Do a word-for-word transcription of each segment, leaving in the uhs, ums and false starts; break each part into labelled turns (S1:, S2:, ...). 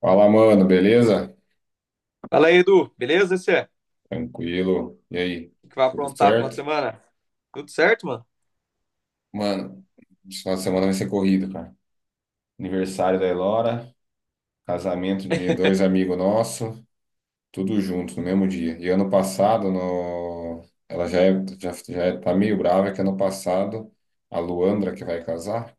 S1: Fala, mano, beleza?
S2: Fala aí, Edu. Beleza, você?
S1: Tranquilo. E aí,
S2: O que vai
S1: tudo
S2: aprontar no final de
S1: certo?
S2: semana? Tudo certo, mano?
S1: Mano, esse final de semana vai ser corrido, cara. Aniversário da Elora, casamento de dois amigos nossos, tudo junto no mesmo dia. E ano passado, no... ela já, é, já, já é- tá meio brava que ano passado a Luandra, que vai casar,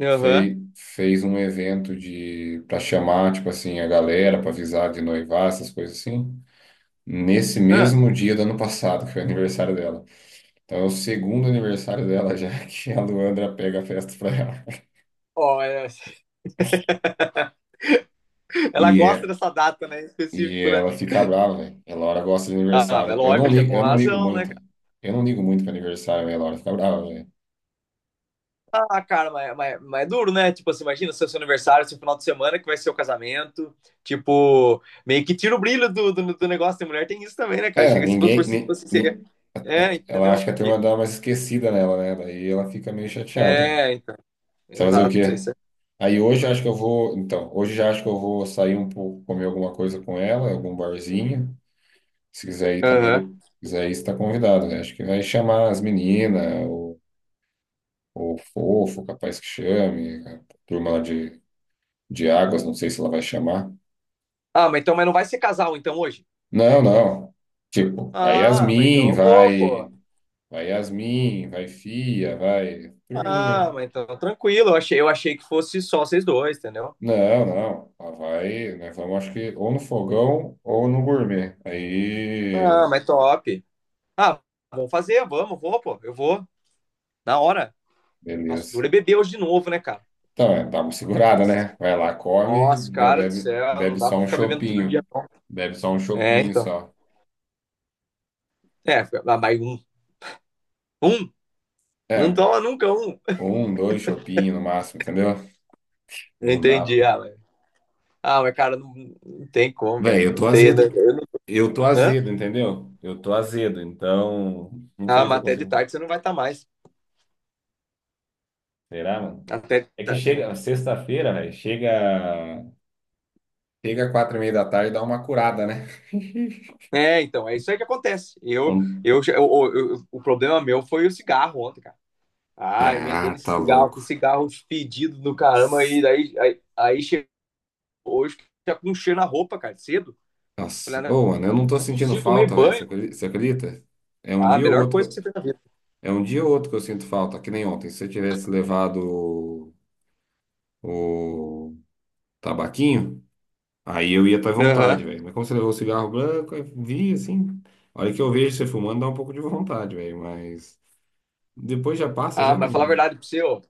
S2: Aham.
S1: fez, fez um evento de para chamar, tipo assim, a galera, para avisar de noivar, essas coisas assim, nesse
S2: Ah.
S1: mesmo dia do ano passado, que foi o aniversário dela. Então é o segundo aniversário dela já que a Luandra pega a festa pra ela.
S2: Ó, é. Ela
S1: E,
S2: gosta
S1: é-
S2: dessa data, né? Em
S1: e
S2: específico, né?
S1: ela fica brava, velho. A Laura gosta de
S2: Ah, mas
S1: aniversário. Eu não
S2: lógico, é
S1: ligo,
S2: com
S1: eu não ligo
S2: razão, né,
S1: muito.
S2: cara?
S1: Eu não ligo muito pra aniversário, velho. A Laura fica brava, velho.
S2: Ah, cara, mas, mas, mas é duro, né? Tipo assim, imagina seu, seu aniversário, seu final de semana, que vai ser o casamento. Tipo, meio que tira o brilho do, do, do negócio. Tem mulher, tem isso também, né, cara?
S1: É,
S2: Chega se fosse por
S1: ninguém.
S2: si,
S1: Ni-
S2: fosse ser.
S1: ni- a-
S2: É,
S1: ela acha
S2: entendeu?
S1: que a
S2: E-
S1: turma dá uma esquecida nela, né? Daí ela fica meio chateada.
S2: É, então.
S1: Você vai fazer o
S2: Exato, é
S1: quê?
S2: isso.
S1: Aí hoje eu acho que eu vou. Então, hoje já acho que eu vou sair um pouco, comer alguma coisa com ela, algum barzinho. Se quiser ir também, de-
S2: É.
S1: se quiser ir, você está convidado, né? Acho que vai chamar as meninas, ou Fofo, capaz que chame, a turma lá de, de Águas, não sei se ela vai chamar.
S2: Ah, mas então, mas não vai ser casal então hoje?
S1: Não, não. Tipo, vai
S2: Ah, mas então
S1: Yasmin,
S2: eu vou, pô.
S1: vai, vai Yasmin, vai Fia, vai
S2: Ah,
S1: turminha,
S2: mas então tranquilo. Eu achei, eu achei que fosse só vocês dois, entendeu?
S1: né? Não, não. Ela vai, nós vamos acho que ou no fogão ou no gourmet.
S2: Ah,
S1: Aí,
S2: mas top. Ah, vamos fazer, vamos, vou, pô. Eu vou. Na hora. Nossa,
S1: beleza.
S2: dura é beber hoje de novo, né, cara?
S1: Então, é, dá uma segurada,
S2: Nossa,
S1: né? Vai lá, come,
S2: nossa,
S1: bebe,
S2: cara do
S1: bebe,
S2: céu, não
S1: bebe
S2: dá
S1: só
S2: pra
S1: um
S2: ficar bebendo todo dia,
S1: chopinho.
S2: não.
S1: Bebe só um
S2: É,
S1: chopinho
S2: então.
S1: só.
S2: É, ah, mais um. Um? Não
S1: É,
S2: toma nunca um.
S1: um, dois chopinhos no máximo, entendeu? Não dá.
S2: Entendi, ah, mas, ah, mas cara, não, não tem como, velho.
S1: Véi, eu tô
S2: Não tem, né.
S1: azedo.
S2: Eu não.
S1: Eu tô
S2: Hã?
S1: azedo, entendeu? Eu tô azedo, então não
S2: Ah,
S1: sei se eu
S2: mas até de
S1: consigo.
S2: tarde você não vai estar mais.
S1: Será, mano?
S2: Até de
S1: É que
S2: tarde. É.
S1: chega sexta-feira, velho. Chega. Chega quatro e meia da tarde e dá uma curada, né?
S2: É, então, é isso aí que acontece. Eu,
S1: Hum.
S2: eu, eu- eu- eu- o problema meu foi o cigarro ontem, cara. Ah, emendei
S1: Ah,
S2: nesse
S1: tá
S2: cigarro,
S1: louco.
S2: que cigarro fedido do caramba, e
S1: S-
S2: daí, aí, aí chegou hoje já com um cheiro na roupa, cara, cedo. Falei,
S1: Nossa.
S2: ah, não
S1: Ô, mano, eu não tô
S2: é
S1: sentindo
S2: possível, tomei
S1: falta, velho. Você
S2: banho.
S1: acredi- você acredita? É um
S2: Ah, a
S1: dia ou
S2: melhor
S1: outro. Que
S2: coisa que você
S1: eu-
S2: fez na vida.
S1: É um dia ou outro que eu sinto falta, que nem ontem. Se eu tivesse levado o, o tabaquinho. Aí eu ia até
S2: Aham.
S1: vontade, velho. Mas como você levou o cigarro branco, eu vi assim. A hora que eu vejo você fumando, dá um pouco de vontade, velho. Mas depois já passa,
S2: Ah,
S1: já
S2: mas falar a
S1: não.
S2: verdade pra você, ó,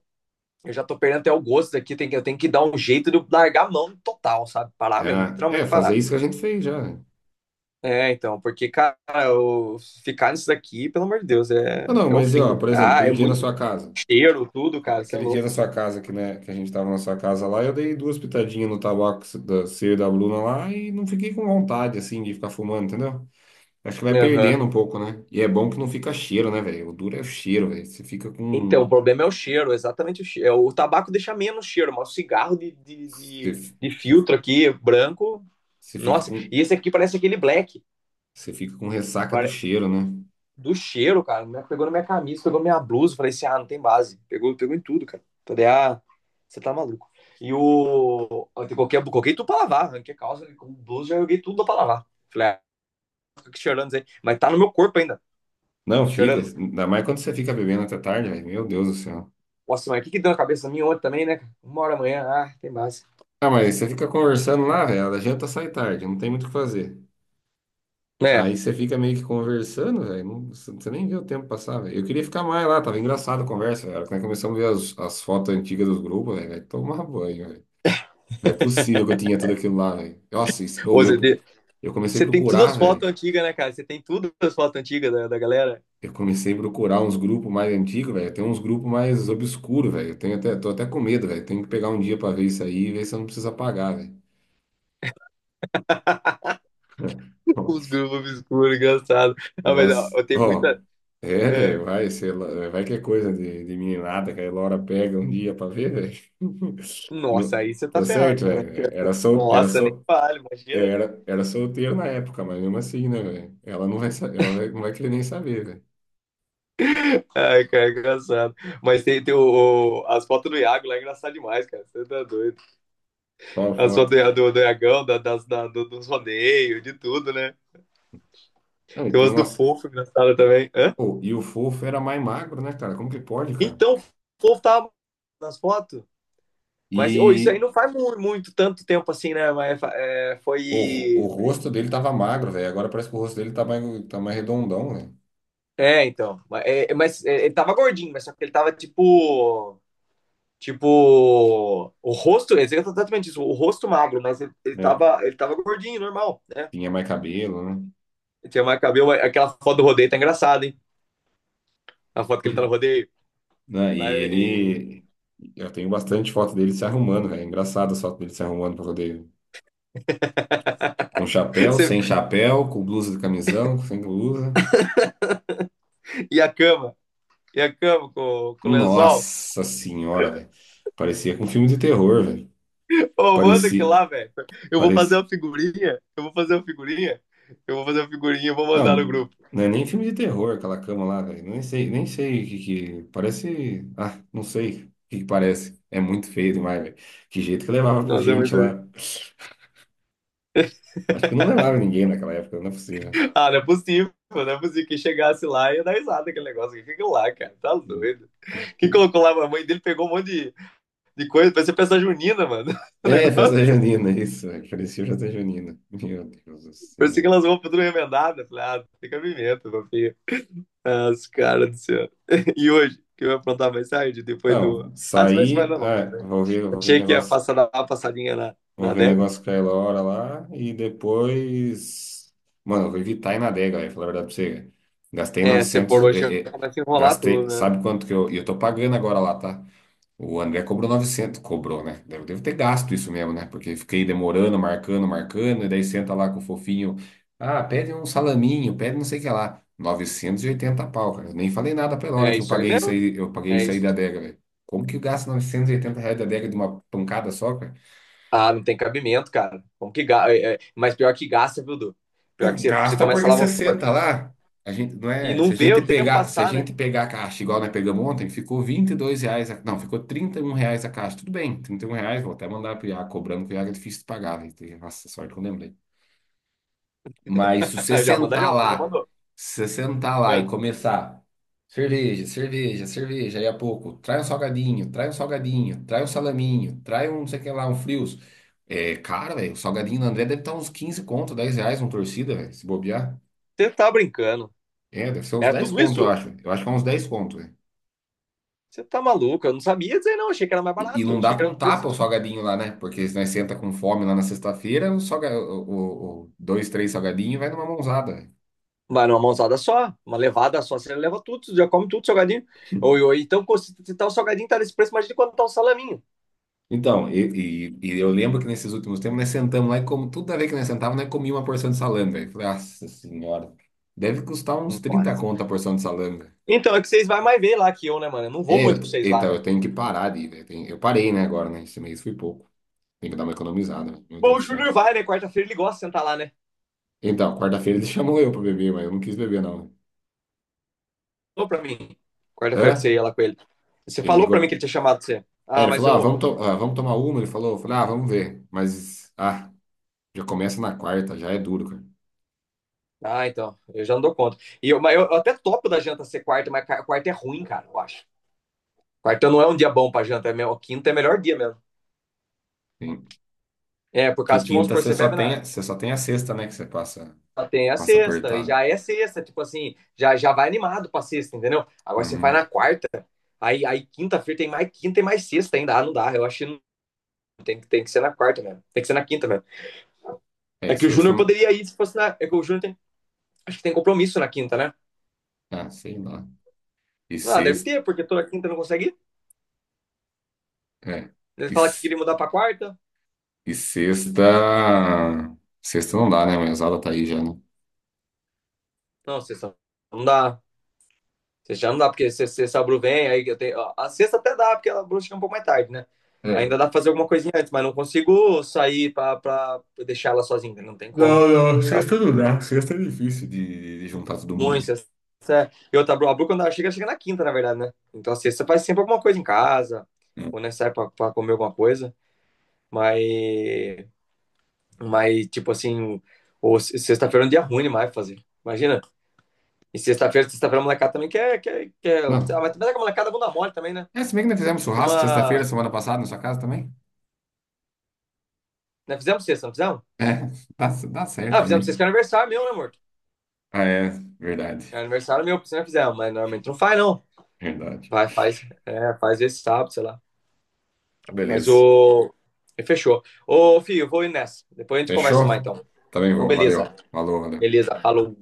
S2: eu já tô perdendo até o gosto daqui, tem que, eu tenho que dar um jeito de eu largar a mão total, sabe? Parar mesmo,
S1: É, é,
S2: literalmente
S1: fazer
S2: parar.
S1: isso que a gente fez já, né?
S2: É, então, porque, cara, eu- ficar nisso daqui, pelo amor de Deus, é,
S1: Não, não,
S2: é o
S1: mas ó,
S2: fim.
S1: por exemplo,
S2: Ah,
S1: aquele
S2: é
S1: dia na
S2: muito
S1: sua casa.
S2: cheiro, tudo, cara, isso é
S1: Aquele dia
S2: louco.
S1: na sua casa que, né, que a gente tava na sua casa lá, eu dei duas pitadinhas no tabaco da C e da Bruna lá e não fiquei com vontade, assim, de ficar fumando, entendeu? Acho que vai
S2: Aham.
S1: perdendo um pouco, né? E é bom que não fica cheiro, né, velho? O duro é o cheiro, velho. Você fica
S2: Então, o
S1: com.
S2: problema é o cheiro, exatamente o cheiro. É, o tabaco deixa menos cheiro, mas o cigarro de, de,
S1: Você
S2: de, de
S1: você-
S2: filtro aqui, branco,
S1: Você fica
S2: nossa,
S1: com.
S2: e esse aqui parece aquele black.
S1: Você fica com ressaca do
S2: pare-
S1: cheiro, né?
S2: Do cheiro, cara, né? Pegou na minha camisa, pegou na minha blusa. Falei assim, ah, não tem base. Pegou, pegou em tudo, cara. Falei, ah, você tá maluco. E o. Eu coloquei, coloquei tudo pra lavar. Arranquei a calça, com blusa, já joguei tudo pra lavar. Falei, ah, fica cheirando isso aí. Mas tá no meu corpo ainda,
S1: Não, fica.
S2: cheirando.
S1: Ainda mais quando você fica bebendo até tarde, velho. Meu Deus do céu.
S2: Nossa, mas o que que deu na cabeça minha ontem também, né, cara? Uma hora amanhã, ah, tem base.
S1: Ah, mas você fica conversando lá, velho. A janta sai tarde, não tem muito o que fazer.
S2: É.
S1: Aí você fica meio que conversando, velho. não- Você você nem vê o tempo passar, velho. Eu queria ficar mais lá, tava engraçado a conversa, velho. A hora que nós começamos a ver as, as fotos antigas dos grupos, velho. Vai tomar banho, velho. Não é possível que eu tinha tudo aquilo lá, velho. Nossa, isso, ou
S2: Ô, Zé,
S1: eu,
S2: D,
S1: eu comecei a
S2: você tem todas
S1: procurar,
S2: as fotos
S1: velho.
S2: antigas, né, cara? Você tem todas as fotos antigas da, da galera?
S1: Eu comecei a procurar uns grupos mais antigos, velho. Tem uns grupos mais obscuros, velho. Eu tenho até, tô até com medo, velho. Tenho que pegar um dia pra ver isso aí e ver se eu não preciso apagar, velho.
S2: Os grupos obscuros, engraçado. Ah, mas ó,
S1: Nossa,
S2: eu tenho
S1: ó.
S2: muita.
S1: É,
S2: É.
S1: velho, vai, sei lá, vai que é coisa de, de meninada que a Laura pega um dia pra ver, velho.
S2: Nossa,
S1: Não-
S2: aí você tá
S1: Tá
S2: ferrado,
S1: certo,
S2: meu, né?
S1: velho. Era sol, era
S2: Nossa, nem
S1: sol,
S2: vale,
S1: eu
S2: imagina.
S1: era, era solteiro na época, mas mesmo assim, né, velho? Ela não vai, sa- ela vai- Não vai querer nem saber, velho.
S2: Ai, cara, é engraçado. Mas tem, tem o, o- as fotos do Iago lá, é engraçado demais, cara. Você tá doido.
S1: Qual a
S2: As fotos
S1: foto?
S2: do, do, do Iagão, da, das, da, do, dos rodeios, de tudo, né?
S1: Não, e
S2: Tem
S1: tem
S2: umas do
S1: umas.
S2: Fofo, engraçado também. Hã?
S1: Pô, e o fofo era mais magro, né, cara? Como que pode, cara?
S2: Então, o povo tava nas fotos. Mas, ô, isso
S1: E
S2: aí não faz muito, muito tanto tempo assim, né? Mas é,
S1: o, o
S2: foi.
S1: rosto dele tava magro, velho. Agora parece que o rosto dele tá mais, tá mais redondão, velho.
S2: É, então. Mas, é, é, mas, é, ele tava gordinho, mas só que ele tava tipo. Tipo. O rosto. Ele exatamente isso, o rosto magro, mas ele, ele,
S1: É.
S2: tava, ele tava gordinho, normal, né?
S1: Tinha mais cabelo, né?
S2: Ele tinha mais cabelo. Aquela foto do rodeio tá engraçada, hein? A foto que ele tá no rodeio.
S1: Né? E
S2: Lá em...
S1: ele. Eu tenho bastante foto dele se arrumando, velho. Engraçado as fotos dele se arrumando pra poder. Com chapéu, sem chapéu, com blusa de camisão, sem blusa.
S2: E a cama. E a cama com, com o lençol.
S1: Nossa senhora, velho. Parecia com um filme de terror, velho.
S2: Ô, manda aqui
S1: Parecia.
S2: lá, velho. Eu vou fazer
S1: Parecia.
S2: uma figurinha. Eu vou fazer uma figurinha. Eu vou fazer uma figurinha e vou mandar no
S1: Não,
S2: grupo.
S1: não é nem filme de terror, aquela cama lá, velho. Nem sei, nem sei o que que. Parece. Ah, não sei o que que parece. É muito feio demais, velho. Que jeito que levava pra
S2: Nossa, é
S1: gente
S2: muito.
S1: lá. Acho que não levava ninguém naquela época, não é possível.
S2: Ah, não é possível. Não é possível que chegasse lá e ia dar risada aquele negócio. O que é aquilo lá, cara? Tá doido. Quem colocou lá? A mãe dele pegou um monte de, de coisa. Parecia peça junina, mano. O
S1: É, festa
S2: negócio.
S1: junina, isso, velho. Parecia festa junina. Meu Deus do
S2: Parecia que
S1: céu.
S2: elas vão tudo remendada. Falei, ah, fica pimenta, papinho. Ah, os caras do céu. E hoje? Que eu ia aprontar mais tarde, depois do.
S1: Então,
S2: Ah, você vai se
S1: saí.
S2: mandar não,
S1: Ah,
S2: né?
S1: vou ver, vou ver o
S2: Achei que ia
S1: negócio.
S2: passar, dar uma passadinha na,
S1: Vou
S2: na
S1: ver
S2: adega.
S1: negócio com a Elora lá e depois. Mano, eu vou evitar ir na adega, velho, falar a verdade pra você, velho. Gastei
S2: É, se
S1: novecentos,
S2: for hoje, já
S1: é, é,
S2: começa a enrolar tudo,
S1: gastei.
S2: né?
S1: Sabe quanto que eu. E eu tô pagando agora lá, tá? O André cobrou novecentos. Cobrou, né? Devo, devo ter gasto isso mesmo, né? Porque fiquei demorando, marcando, marcando. E daí senta lá com o fofinho. Ah, pede um salaminho, pede não sei o que lá. Novecentos e oitenta pau, cara. Eu nem falei nada pra Elora
S2: É
S1: que eu
S2: isso aí
S1: paguei isso
S2: mesmo.
S1: aí. Eu paguei
S2: É
S1: isso aí
S2: isso.
S1: da adega, velho. Como que eu gasto novecentos e oitenta reais da adega de uma pancada só, cara?
S2: Ah, não tem cabimento, cara. Como que ga- é, é, Mas pior que gasta, viu, Du? Pior que
S1: Não,
S2: você, você
S1: gasta
S2: começa
S1: porque
S2: lá,
S1: você
S2: vamos supor,
S1: senta lá. A gente não
S2: e
S1: é,
S2: não
S1: se a
S2: vê
S1: gente
S2: o tempo
S1: pegar, se a
S2: passar, né?
S1: gente pegar a caixa igual nós pegamos ontem, ficou vinte e dois reais, a- não, ficou trinta e um reais a caixa. Tudo bem, trinta e um reais, vou até mandar pro Iago cobrando, que o Iago é difícil de pagar, velho. Nossa, sorte que eu lembrei. Mas se você
S2: Já manda, já,
S1: sentar
S2: já
S1: lá,
S2: mandou.
S1: se você sentar lá e
S2: É.
S1: começar cerveja, cerveja, cerveja, aí a pouco, trai um salgadinho, trai um salgadinho, trai um salaminho, trai um, não sei o que lá, um frios. É, cara, velho, o salgadinho do André deve estar uns quinze conto, dez reais uma torcida, velho, se bobear.
S2: Você tá brincando.
S1: É, deve ser uns
S2: Era
S1: dez
S2: tudo
S1: conto, eu
S2: isso?
S1: acho. Eu acho que é uns dez conto, velho.
S2: Você tá maluco? Eu não sabia dizer, não. Achei que era mais
S1: E, e
S2: barato.
S1: não dá
S2: Achei que
S1: pra
S2: era
S1: um
S2: um
S1: tapa
S2: preço,
S1: o
S2: tipo.
S1: salgadinho lá, né? Porque se nós senta com fome lá na sexta-feira, o, salga, o, o- o dois, três salgadinhos vai numa mãozada, velho.
S2: Mas numa mãozada só, uma levada só, você leva tudo, você já come tudo, salgadinho. Ou, ou então, se tá o salgadinho, tá nesse preço, imagina quando tá um salaminho.
S1: Então, e, e- e eu lembro que nesses últimos tempos nós sentamos lá e como tudo a ver que nós sentávamos, nós comíamos uma porção de salame, velho. Falei, nossa senhora, deve custar uns
S2: Hum.
S1: trinta conto a porção de salame, velho.
S2: Então, é que vocês vai mais ver lá que eu, né, mano? Eu não vou
S1: É, eu,
S2: muito com vocês
S1: eita,
S2: lá,
S1: eu
S2: né?
S1: tenho que parar de ir, velho. Tem- Eu parei, né, agora, né? Esse mês foi pouco. Tem que dar uma economizada, velho. Meu Deus
S2: Bom,
S1: do
S2: o Júnior
S1: céu.
S2: vai, né? Quarta-feira ele gosta de sentar lá, né?
S1: Então, quarta-feira eles chamam eu pra beber, mas eu não quis beber, não.
S2: Falou pra mim. Quarta-feira que você
S1: Hã?
S2: ia lá com ele. Você
S1: Ele
S2: falou pra mim que ele
S1: ligou.
S2: tinha chamado você.
S1: É,
S2: Ah,
S1: ele
S2: mas
S1: falou, ah,
S2: eu.
S1: vamos, to- ah, vamos tomar uma. Ele falou, eu falei, ah, vamos ver. Mas, ah, já começa na quarta, já é duro, cara.
S2: Ah, então. Eu já não dou conta. E eu, mas eu, eu até topo da janta ser quarta, mas ca- quarta é ruim, cara, eu acho. Quarta não é um dia bom pra janta, é mesmo, quinta é melhor dia mesmo.
S1: Sim.
S2: É, por
S1: Que
S2: causa que, vamos
S1: quinta
S2: supor,
S1: você
S2: você
S1: só
S2: bebe
S1: tem,
S2: na.
S1: a- você só tem a sexta, né? Que você passa,
S2: Só tem a
S1: passa
S2: sexta, e
S1: apertado.
S2: já é sexta, tipo assim, já, já vai animado pra sexta, entendeu? Agora você vai na
S1: Uhum.
S2: quarta, aí, aí quinta-feira tem mais quinta e mais sexta ainda. Ah, não dá, eu acho. Tem, tem que ser na quarta mesmo. Tem que ser na quinta mesmo.
S1: É,
S2: É
S1: e
S2: que o
S1: sexta.
S2: Júnior
S1: não-
S2: poderia ir se fosse na. É que o Júnior tem. Acho que tem compromisso na quinta, né?
S1: Ah, sei lá. E
S2: Ah, deve
S1: sexta.
S2: ter, porque toda quinta não consegue ir.
S1: É.
S2: Ele
S1: E,
S2: fala que
S1: s-
S2: queria mudar pra quarta.
S1: e sexta. Sexta não dá, né? Mas a aula tá aí já, né?
S2: Não, sexta não dá. Sexta já não dá, porque se- se- se a Bru vem, aí eu tenho. Ó, a sexta até dá, porque a Bru chega um pouco mais tarde, né?
S1: É.
S2: Ainda dá pra fazer alguma coisinha antes, mas não consigo sair pra, pra deixar ela sozinha. Não tem como.
S1: Não, não,
S2: Ela
S1: sexta não dá. Sexta é difícil de, de juntar todo
S2: é ruim,
S1: mundo.
S2: sexta. É. E outra, a Bru, quando ela chega, ela chega na quinta, na verdade, né? Então a sexta faz sempre alguma coisa em casa,
S1: É.
S2: ou né, sai pra, pra comer alguma coisa. Mas, mas tipo assim, ou sexta-feira é um dia ruim demais pra fazer. Imagina. E sexta-feira, sexta-feira a molecada também quer, quer, quer. Ah,
S1: Não.
S2: mas também é que a molecada é bunda mole também, né?
S1: É, se bem que nós fizemos churrasco sexta-feira,
S2: Turma.
S1: semana passada, na sua casa também.
S2: Né, fizemos sexta, não fizemos?
S1: É, dá, dá certo
S2: Ah, fizemos sexta que
S1: também.
S2: é aniversário meu, né, morto?
S1: Ah, é,
S2: É
S1: verdade,
S2: aniversário meu, por isso não fizemos, mas normalmente não faz, não.
S1: verdade.
S2: Vai, faz. É, faz esse sábado, sei lá.
S1: Ah,
S2: Mas
S1: beleza.
S2: o. Fechou. Ô, filho, eu vou ir nessa. Depois a gente conversa mais,
S1: Fechou?
S2: então.
S1: Também
S2: Então,
S1: vou,
S2: beleza.
S1: valeu. Falou, valeu.
S2: Beleza, falou.